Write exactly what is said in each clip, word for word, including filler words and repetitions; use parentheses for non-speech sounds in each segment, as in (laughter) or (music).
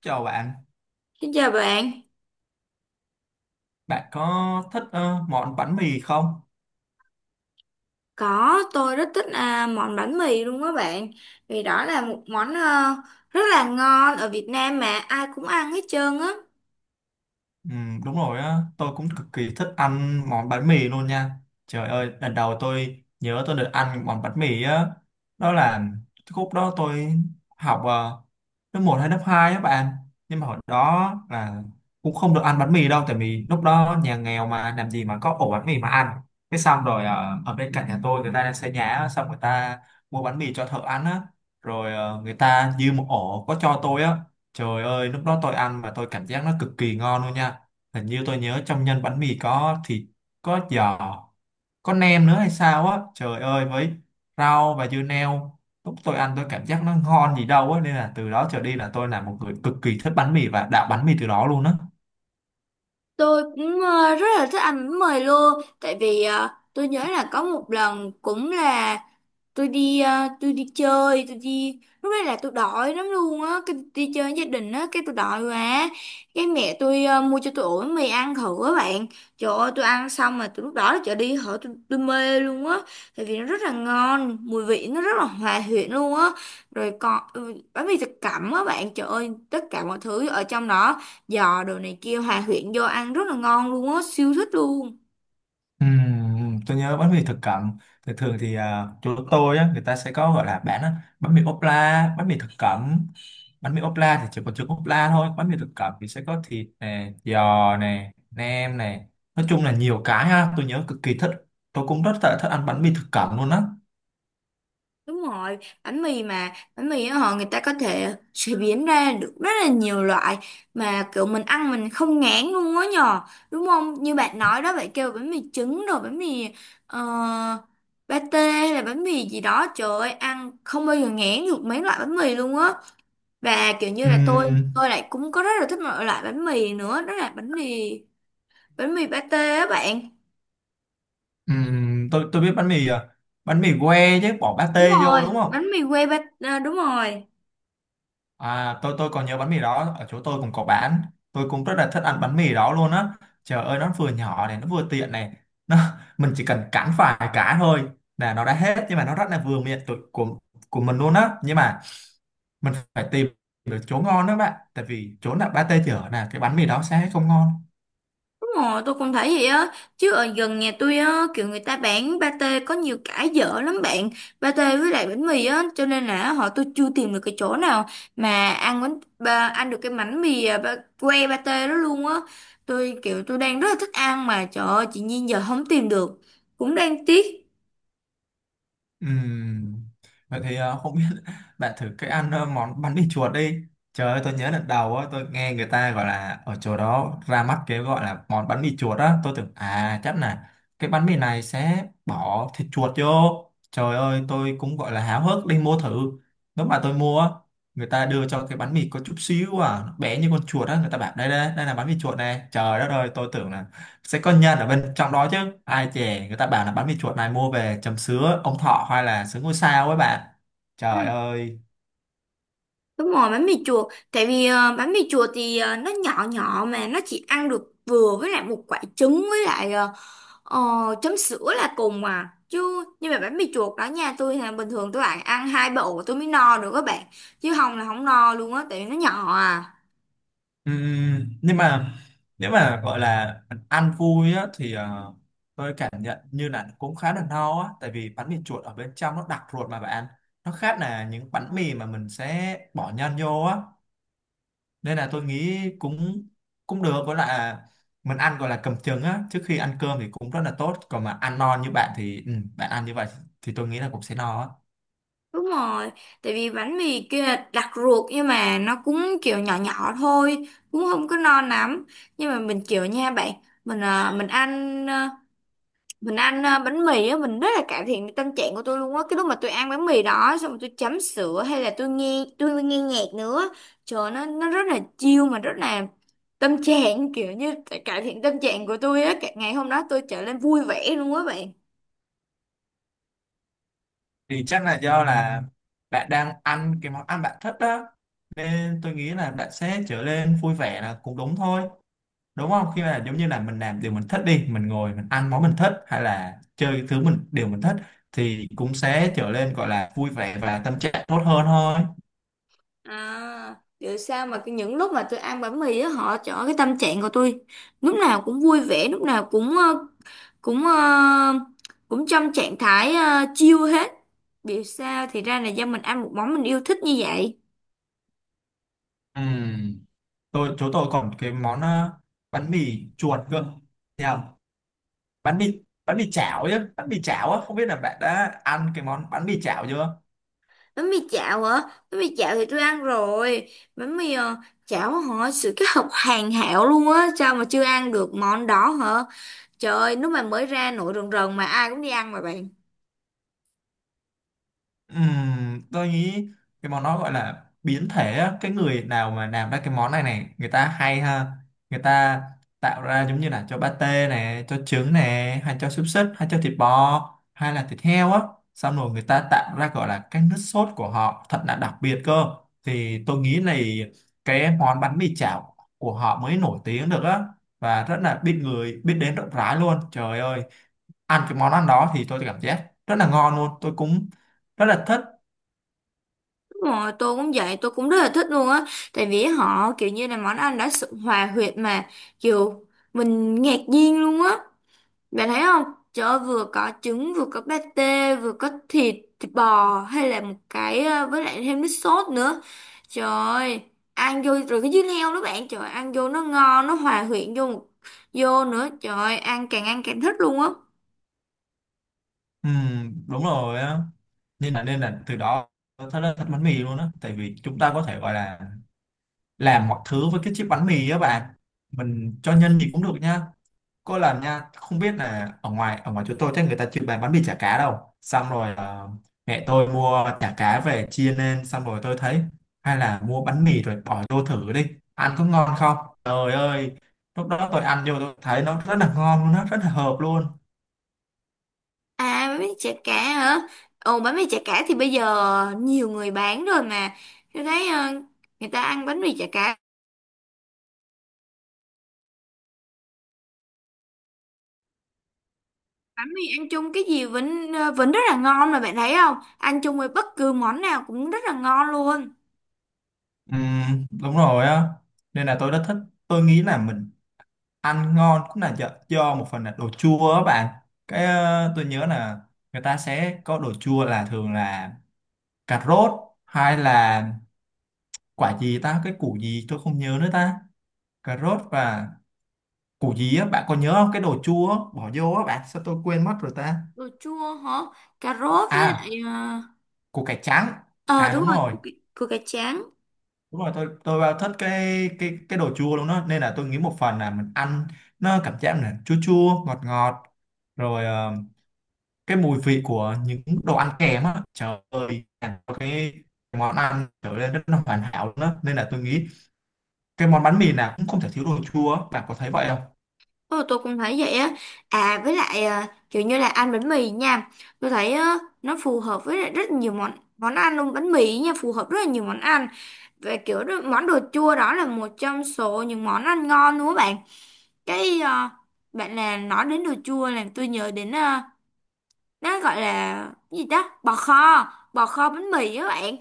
Chào bạn, Xin chào bạn, bạn có thích ờ, món bánh mì không? có tôi rất thích à, món bánh mì luôn á bạn. Vì đó là một món ờ, rất là ngon ở Việt Nam mà ai cũng ăn hết trơn á. Ừ, đúng rồi á, tôi cũng cực kỳ thích ăn món bánh mì luôn nha. Trời ơi, lần đầu tôi nhớ tôi được ăn món bánh mì á, đó là lúc đó tôi học ờ, lớp một hay lớp hai á bạn. Nhưng mà hồi đó là cũng không được ăn bánh mì đâu, tại vì lúc đó nhà nghèo mà làm gì mà có ổ bánh mì mà ăn. Cái xong rồi ờ, ở bên cạnh nhà tôi người ta đang xây nhà, á, xong người ta mua bánh mì cho thợ ăn á, rồi ờ, người ta dư một ổ có cho tôi á. Trời ơi, lúc đó tôi ăn mà tôi cảm giác nó cực kỳ ngon luôn nha. Hình như tôi nhớ trong nhân bánh mì có thịt, có giò, có nem nữa hay sao á. Trời ơi, với rau và dưa leo lúc tôi ăn tôi cảm giác nó ngon gì đâu á, nên là từ đó trở đi là tôi là một người cực kỳ thích bánh mì và đạo bánh mì từ đó luôn á. Tôi cũng ờ, rất là thích ăn bánh mì luôn. Tại vì ờ, tôi nhớ là có một lần cũng là tôi đi ờ, tôi đi chơi, tôi đi lúc đấy là tôi đói lắm luôn á, cái đi chơi với gia đình á, cái tôi đói quá, cái mẹ tôi ờ, mua cho tôi ổ bánh mì ăn thử á bạn. Trời ơi, tôi ăn xong mà tôi lúc đó là trở đi hở tôi, tôi mê luôn á, tại vì nó rất là ngon, mùi vị nó rất là hòa quyện luôn á. Rồi còn ừ, bánh mì thập cẩm á bạn, trời ơi tất cả mọi thứ ở trong đó, giò đồ này kia hòa quyện vô ăn rất là ngon luôn á, siêu thích luôn. Ừm, tôi nhớ bánh mì thực cẩm, thường thường thì à, chỗ tôi á, người ta sẽ có gọi là bán á, bánh mì ốp la, bánh mì thực cẩm. Bánh mì ốp la thì chỉ còn chữ ốp la thôi, bánh mì thực cẩm thì sẽ có thịt này, giò này, nem này. Nói chung là nhiều cái ha, tôi nhớ cực kỳ thích. Tôi cũng rất là thích ăn bánh mì thực cẩm luôn á. Đúng rồi, bánh mì mà, bánh mì á họ, người ta có thể chế biến ra được rất là nhiều loại mà kiểu mình ăn mình không ngán luôn á nhờ, đúng không? Như bạn nói đó, bạn kêu bánh mì trứng rồi bánh mì uh, pate hay là bánh mì gì đó, trời ơi, ăn không bao giờ ngán được mấy loại bánh mì luôn á. Và kiểu như là tôi, Ừm, tôi lại cũng có rất là thích một loại bánh mì nữa, đó là bánh mì, bánh mì pate á bạn. ừm, tôi tôi biết bánh mì à, bánh mì que chứ bỏ Đúng pate vô rồi, đúng không? bánh mì que pate, à, đúng rồi. À, tôi tôi còn nhớ bánh mì đó ở chỗ tôi cũng có bán, tôi cũng rất là thích ăn bánh mì đó luôn á. Trời ơi, nó vừa nhỏ này, nó vừa tiện này, nó mình chỉ cần cắn vài cái thôi là nó đã hết, nhưng mà nó rất là vừa miệng tụi, của của mình luôn á. Nhưng mà mình phải tìm được chỗ ngon đó bạn, tại vì chỗ nào pate chở là cái bánh mì đó sẽ không ngon. Ồ, tôi cũng thấy vậy á. Chứ ở gần nhà tôi á, kiểu người ta bán pate có nhiều cái dở lắm bạn. Pate với lại bánh mì á, cho nên là họ tôi chưa tìm được cái chỗ nào mà ăn bánh ba, ăn được cái bánh mì à, ba, que pate đó luôn á. Tôi kiểu tôi đang rất là thích ăn, mà trời ơi chị Nhiên giờ không tìm được, cũng đang tiếc. Ừm, Vậy thì ờ, không biết (laughs) bạn thử cái ăn ờ, món bánh mì chuột đi. Trời ơi, tôi nhớ lần đầu á, tôi nghe người ta gọi là ở chỗ đó ra mắt cái gọi là món bánh mì chuột á, tôi tưởng à chắc là cái bánh mì này sẽ bỏ thịt chuột vô. Trời ơi, tôi cũng gọi là háo hức đi mua thử. Lúc mà tôi mua á, người ta đưa cho cái bánh mì có chút xíu à, nó bé như con chuột á, người ta bảo đây đây, đây là bánh mì chuột này. Trời đất ơi, tôi tưởng là sẽ có nhân ở bên trong đó chứ, ai chè người ta bảo là bánh mì chuột này mua về chấm sứa ông thọ hay là sứa ngôi sao ấy bạn. Ừ. Trời ơi. Đúng rồi bánh mì chùa, tại vì ờ, bánh mì chùa thì ờ, nó nhỏ nhỏ, mà nó chỉ ăn được vừa với lại một quả trứng với lại ờ, Ờ, chấm sữa là cùng à chứ, nhưng mà bánh mì chuột đó nha, tôi là bình thường tôi bạn ăn hai bộ tôi mới no được các bạn, chứ không là không no luôn á tại vì nó nhỏ à. Ừm, nhưng mà nếu mà gọi là ăn vui á thì ờ, tôi cảm nhận như là cũng khá là no á, tại vì bánh mì chuột ở bên trong nó đặc ruột mà bạn. Nó khác là những bánh mì mà mình sẽ bỏ nhân vô á, nên là tôi nghĩ cũng cũng được, với lại là mình ăn gọi là cầm chừng á trước khi ăn cơm thì cũng rất là tốt. Còn mà ăn no như bạn thì ừ, bạn ăn như vậy thì tôi nghĩ là cũng sẽ no á. Đúng rồi, tại vì bánh mì kia là đặc ruột nhưng mà nó cũng kiểu nhỏ nhỏ thôi, cũng không có no lắm. Nhưng mà mình kiểu nha bạn, mình à, mình ăn, mình ăn ờ, bánh mì á, mình rất là cải thiện tâm trạng của tôi luôn á. Cái lúc mà tôi ăn bánh mì đó xong rồi tôi chấm sữa hay là tôi nghe tôi nghe nhạc nữa, trời nó nó rất là chill, mà rất là tâm trạng kiểu như cải thiện tâm trạng của tôi á. Cả- ngày hôm đó tôi trở nên vui vẻ luôn á bạn. Thì chắc là do là bạn đang ăn cái món ăn bạn thích đó, nên tôi nghĩ là bạn sẽ trở nên vui vẻ là cũng đúng thôi. Đúng không? Khi mà giống như là mình làm điều mình thích đi, mình ngồi mình ăn món mình thích hay là chơi cái thứ mình điều mình thích thì cũng sẽ trở nên gọi là vui vẻ và tâm trạng tốt hơn thôi. À, vậy sao mà cái những lúc mà tôi ăn bánh mì á họ chọn cái tâm trạng của tôi lúc nào cũng vui vẻ, lúc nào cũng ờ, cũng ờ, cũng trong trạng thái ờ, chill hết. Biểu sao thì ra là do mình ăn một món mình yêu thích như vậy. Ừ, tôi chỗ tôi còn cái món ờ, bánh mì chuột cơ. Thấy không? Bánh mì bánh mì chảo chứ, bánh mì chảo á, không biết là bạn đã ăn cái món bánh mì chảo chưa? Bánh mì chảo hả? Bánh mì chảo thì tôi ăn rồi. Bánh mì ờ, chảo họ sự kết hợp hoàn hảo luôn á, sao mà chưa ăn được món đó hả? Trời ơi lúc mà mới ra nổi rần rần mà ai cũng đi ăn mà bạn. Ừm, tôi nghĩ cái món đó gọi là biến thể á. Cái người nào mà làm ra cái món này này người ta hay ha, người ta tạo ra giống như là cho pate này, cho trứng này, hay cho xúc xích, hay cho thịt bò hay là thịt heo á. Xong rồi người ta tạo ra gọi là cái nước sốt của họ thật là đặc biệt cơ. Thì tôi nghĩ là cái món bánh mì chảo của họ mới nổi tiếng được á, và rất là biết người biết đến rộng rãi luôn. Trời ơi, ăn cái món ăn đó thì tôi cảm giác rất là ngon luôn, tôi cũng rất là thích. Đúng rồi, tôi cũng vậy, tôi cũng rất là thích luôn á. Tại vì họ kiểu như là món ăn đã sự hòa huyệt mà, kiểu mình ngạc nhiên luôn á. Bạn thấy không? Trời ơi, vừa có trứng, vừa có pate, vừa có thịt, thịt bò, hay là một cái ờ, với lại thêm nước sốt nữa. Trời ơi, ăn vô rồi cái dưa leo đó bạn, trời ơi, ăn vô nó ngon, nó hòa quyện vô một- vô nữa. Trời ơi, ăn càng ăn càng thích luôn á. Ừ, đúng rồi á, nên là nên là từ đó tôi thấy là thích bánh mì luôn á, tại vì chúng ta có thể gọi là làm mọi thứ với cái chiếc bánh mì á bạn, mình cho nhân thì cũng được nha. Có lần nha, không biết là ở ngoài ở ngoài chỗ tôi chắc người ta chưa bán bánh mì chả cá đâu, xong rồi ờ, mẹ tôi mua chả cá về chia lên, xong rồi tôi thấy hay là mua bánh mì rồi bỏ vô thử đi, ăn có ngon không. Trời ơi, lúc đó tôi ăn vô tôi thấy nó rất là ngon luôn, nó rất là hợp luôn. À bánh mì chả cá hả? Ồ bánh mì chả cá thì bây giờ nhiều người bán rồi mà. Tôi thấy ờ, người ta ăn bánh mì chả cá, bánh mì ăn chung cái gì vẫn ờ, vẫn rất là ngon mà bạn thấy không? Ăn chung với bất cứ món nào cũng rất là ngon luôn. Ừ, đúng rồi á, nên là tôi rất thích. Tôi nghĩ là mình ăn ngon cũng là do, do một phần là đồ chua á bạn. Cái ờ, tôi nhớ là người ta sẽ có đồ chua là thường là cà rốt, hay là quả gì ta, cái củ gì tôi không nhớ nữa ta. Cà rốt và củ gì á, bạn có nhớ không cái đồ chua á, bỏ vô á bạn? Sao tôi quên mất rồi ta. Đồ chua hả? Cà rốt với lại À, ờ củ cải trắng. ờ, À, đúng đúng rồi, rồi. củ, cải- củ cải trắng. Đúng rồi, tôi tôi vào thích cái cái cái đồ chua luôn đó, nên là tôi nghĩ một phần là mình ăn nó cảm giác là chua chua ngọt ngọt, rồi ờ, cái mùi vị của những đồ ăn kèm á, trời ơi, làm cho cái món ăn trở nên rất là hoàn hảo luôn đó, nên là tôi nghĩ cái món bánh mì nào cũng không thể thiếu đồ chua á. Bạn có thấy vậy không? Ồ tôi cũng thấy vậy á. À với lại ờ, kiểu như là ăn bánh mì nha. Tôi thấy ờ, nó phù hợp với lại rất nhiều món món ăn luôn. Bánh mì nha phù hợp rất là nhiều món ăn. Về kiểu đó, món đồ chua đó là một trong số những món ăn ngon đúng không bạn? Cái ờ, bạn là nói đến đồ chua làm tôi nhớ đến ờ, nó gọi là cái gì ta? Bò kho, bò kho bánh mì á bạn.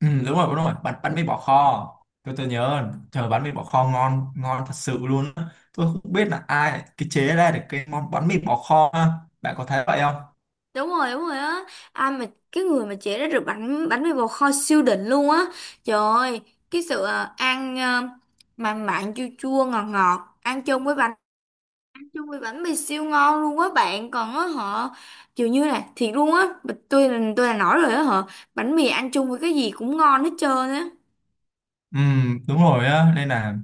Ừ, đúng rồi, đúng rồi, bánh bánh mì bỏ kho. Tôi tôi nhớ trời, bánh mì bỏ kho ngon ngon thật sự luôn á. Tôi không biết là ai cái chế ra được cái món bánh mì bỏ kho á. Bạn có thấy vậy không? Đúng rồi, đúng rồi á. Ai mà cái người mà chế ra được bánh bánh mì bò kho siêu đỉnh luôn á. Trời ơi, cái sự ờ, ăn ờ, mặn mặn chua chua ngọt ngọt, ăn chung với bánh, chung với bánh mì siêu ngon luôn á bạn. Còn á họ, kiểu như là thiệt luôn á. Tôi là tôi là nói rồi á họ, bánh mì ăn chung với cái gì cũng ngon hết trơn á. Ừ, đúng rồi á, nên là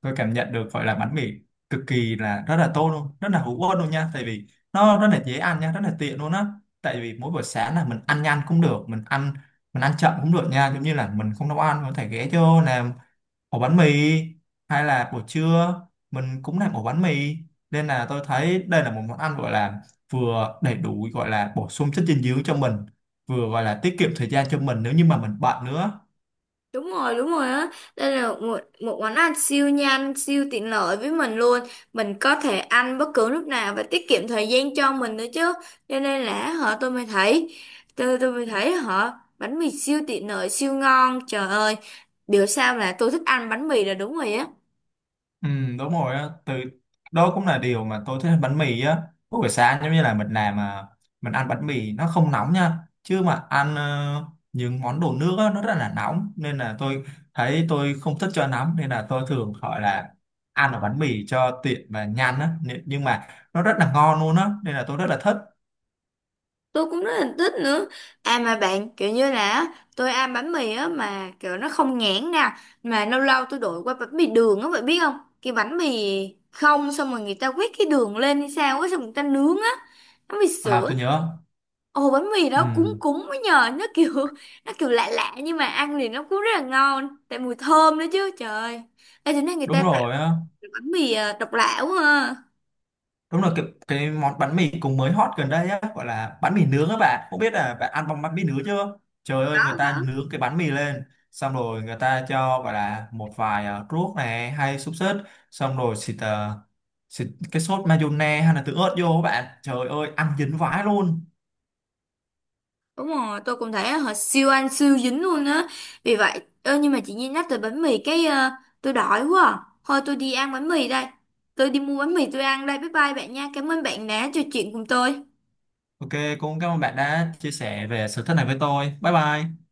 tôi cảm nhận được gọi là bánh mì cực kỳ là rất là tốt luôn, rất là hữu ích luôn nha, tại vì nó rất là dễ ăn nha, rất là tiện luôn á. Tại vì mỗi buổi sáng là mình ăn nhanh cũng được, mình ăn mình ăn chậm cũng được nha, giống như là mình không nấu ăn mình có thể ghé vô làm ổ bánh mì, hay là buổi trưa mình cũng làm ổ bánh mì. Nên là tôi thấy đây là một món ăn gọi là vừa đầy đủ, gọi là bổ sung chất dinh dưỡng cho mình, vừa gọi là tiết kiệm thời gian cho mình nếu như mà mình bận nữa. Đúng rồi đúng rồi á. Đây là một, một món ăn siêu nhanh, siêu tiện lợi với mình luôn. Mình có thể ăn bất cứ lúc nào và tiết kiệm thời gian cho mình nữa chứ. Cho nên là họ tôi mới thấy, Tôi, tôi mới thấy họ, bánh mì siêu tiện lợi siêu ngon. Trời ơi, biểu sao là tôi thích ăn bánh mì là đúng rồi á. Ừ, đúng rồi á, từ đó cũng là điều mà tôi thích ăn bánh mì á. Mỗi buổi sáng giống như là mình làm mà mình ăn bánh mì nó không nóng nha, chứ mà ăn ờ, những món đồ nước á, nó rất là nóng, nên là tôi thấy tôi không thích cho nóng, nên là tôi thường gọi là ăn ở bánh mì cho tiện và nhanh á. Nên- nhưng mà nó rất là ngon luôn á nên là tôi rất là thích. Tôi cũng rất là thích nữa. À mà bạn kiểu như là á, tôi ăn bánh mì á mà kiểu nó không nhãn nè, mà lâu lâu tôi đổi qua bánh mì đường á bạn biết không? Cái bánh mì không xong rồi người ta quét cái đường lên hay sao á, xong người ta nướng á, bánh mì À, sữa. tôi nhớ. Ồ bánh mì Ừ, đó cúng cúng mới nhờ, nó kiểu, nó kiểu lạ lạ nhưng mà ăn thì nó cũng rất là ngon tại mùi thơm nữa chứ. Trời ơi, ê thế này người đúng ta tạo rồi á. được bánh mì à, độc lạ quá ha. Đúng rồi, cái, cái món bánh mì cũng mới hot gần đây á, gọi là bánh mì nướng á bạn. Không biết là bạn ăn bông bánh mì nướng chưa? Trời ơi, người Có có. ta nướng cái bánh mì lên, xong rồi người ta cho gọi là một vài ờ, ruốc này hay xúc xích, xong rồi xịt, ờ, xịt cái sốt mayonnaise hay là tương ớt vô á bạn. Trời ơi, ăn dính vãi luôn. Đúng rồi, tôi cũng thấy họ siêu ăn siêu dính luôn á. Vì vậy, ơ nhưng mà chị Nhi nhắc tới bánh mì cái ờ, tôi đói quá. À. Thôi tôi đi ăn bánh mì đây. Tôi đi mua bánh mì tôi ăn đây. Bye bye bạn nha. Cảm ơn bạn đã trò chuyện cùng tôi. Ok, cũng cảm ơn bạn đã chia sẻ về sở thích này với tôi. Bye bye.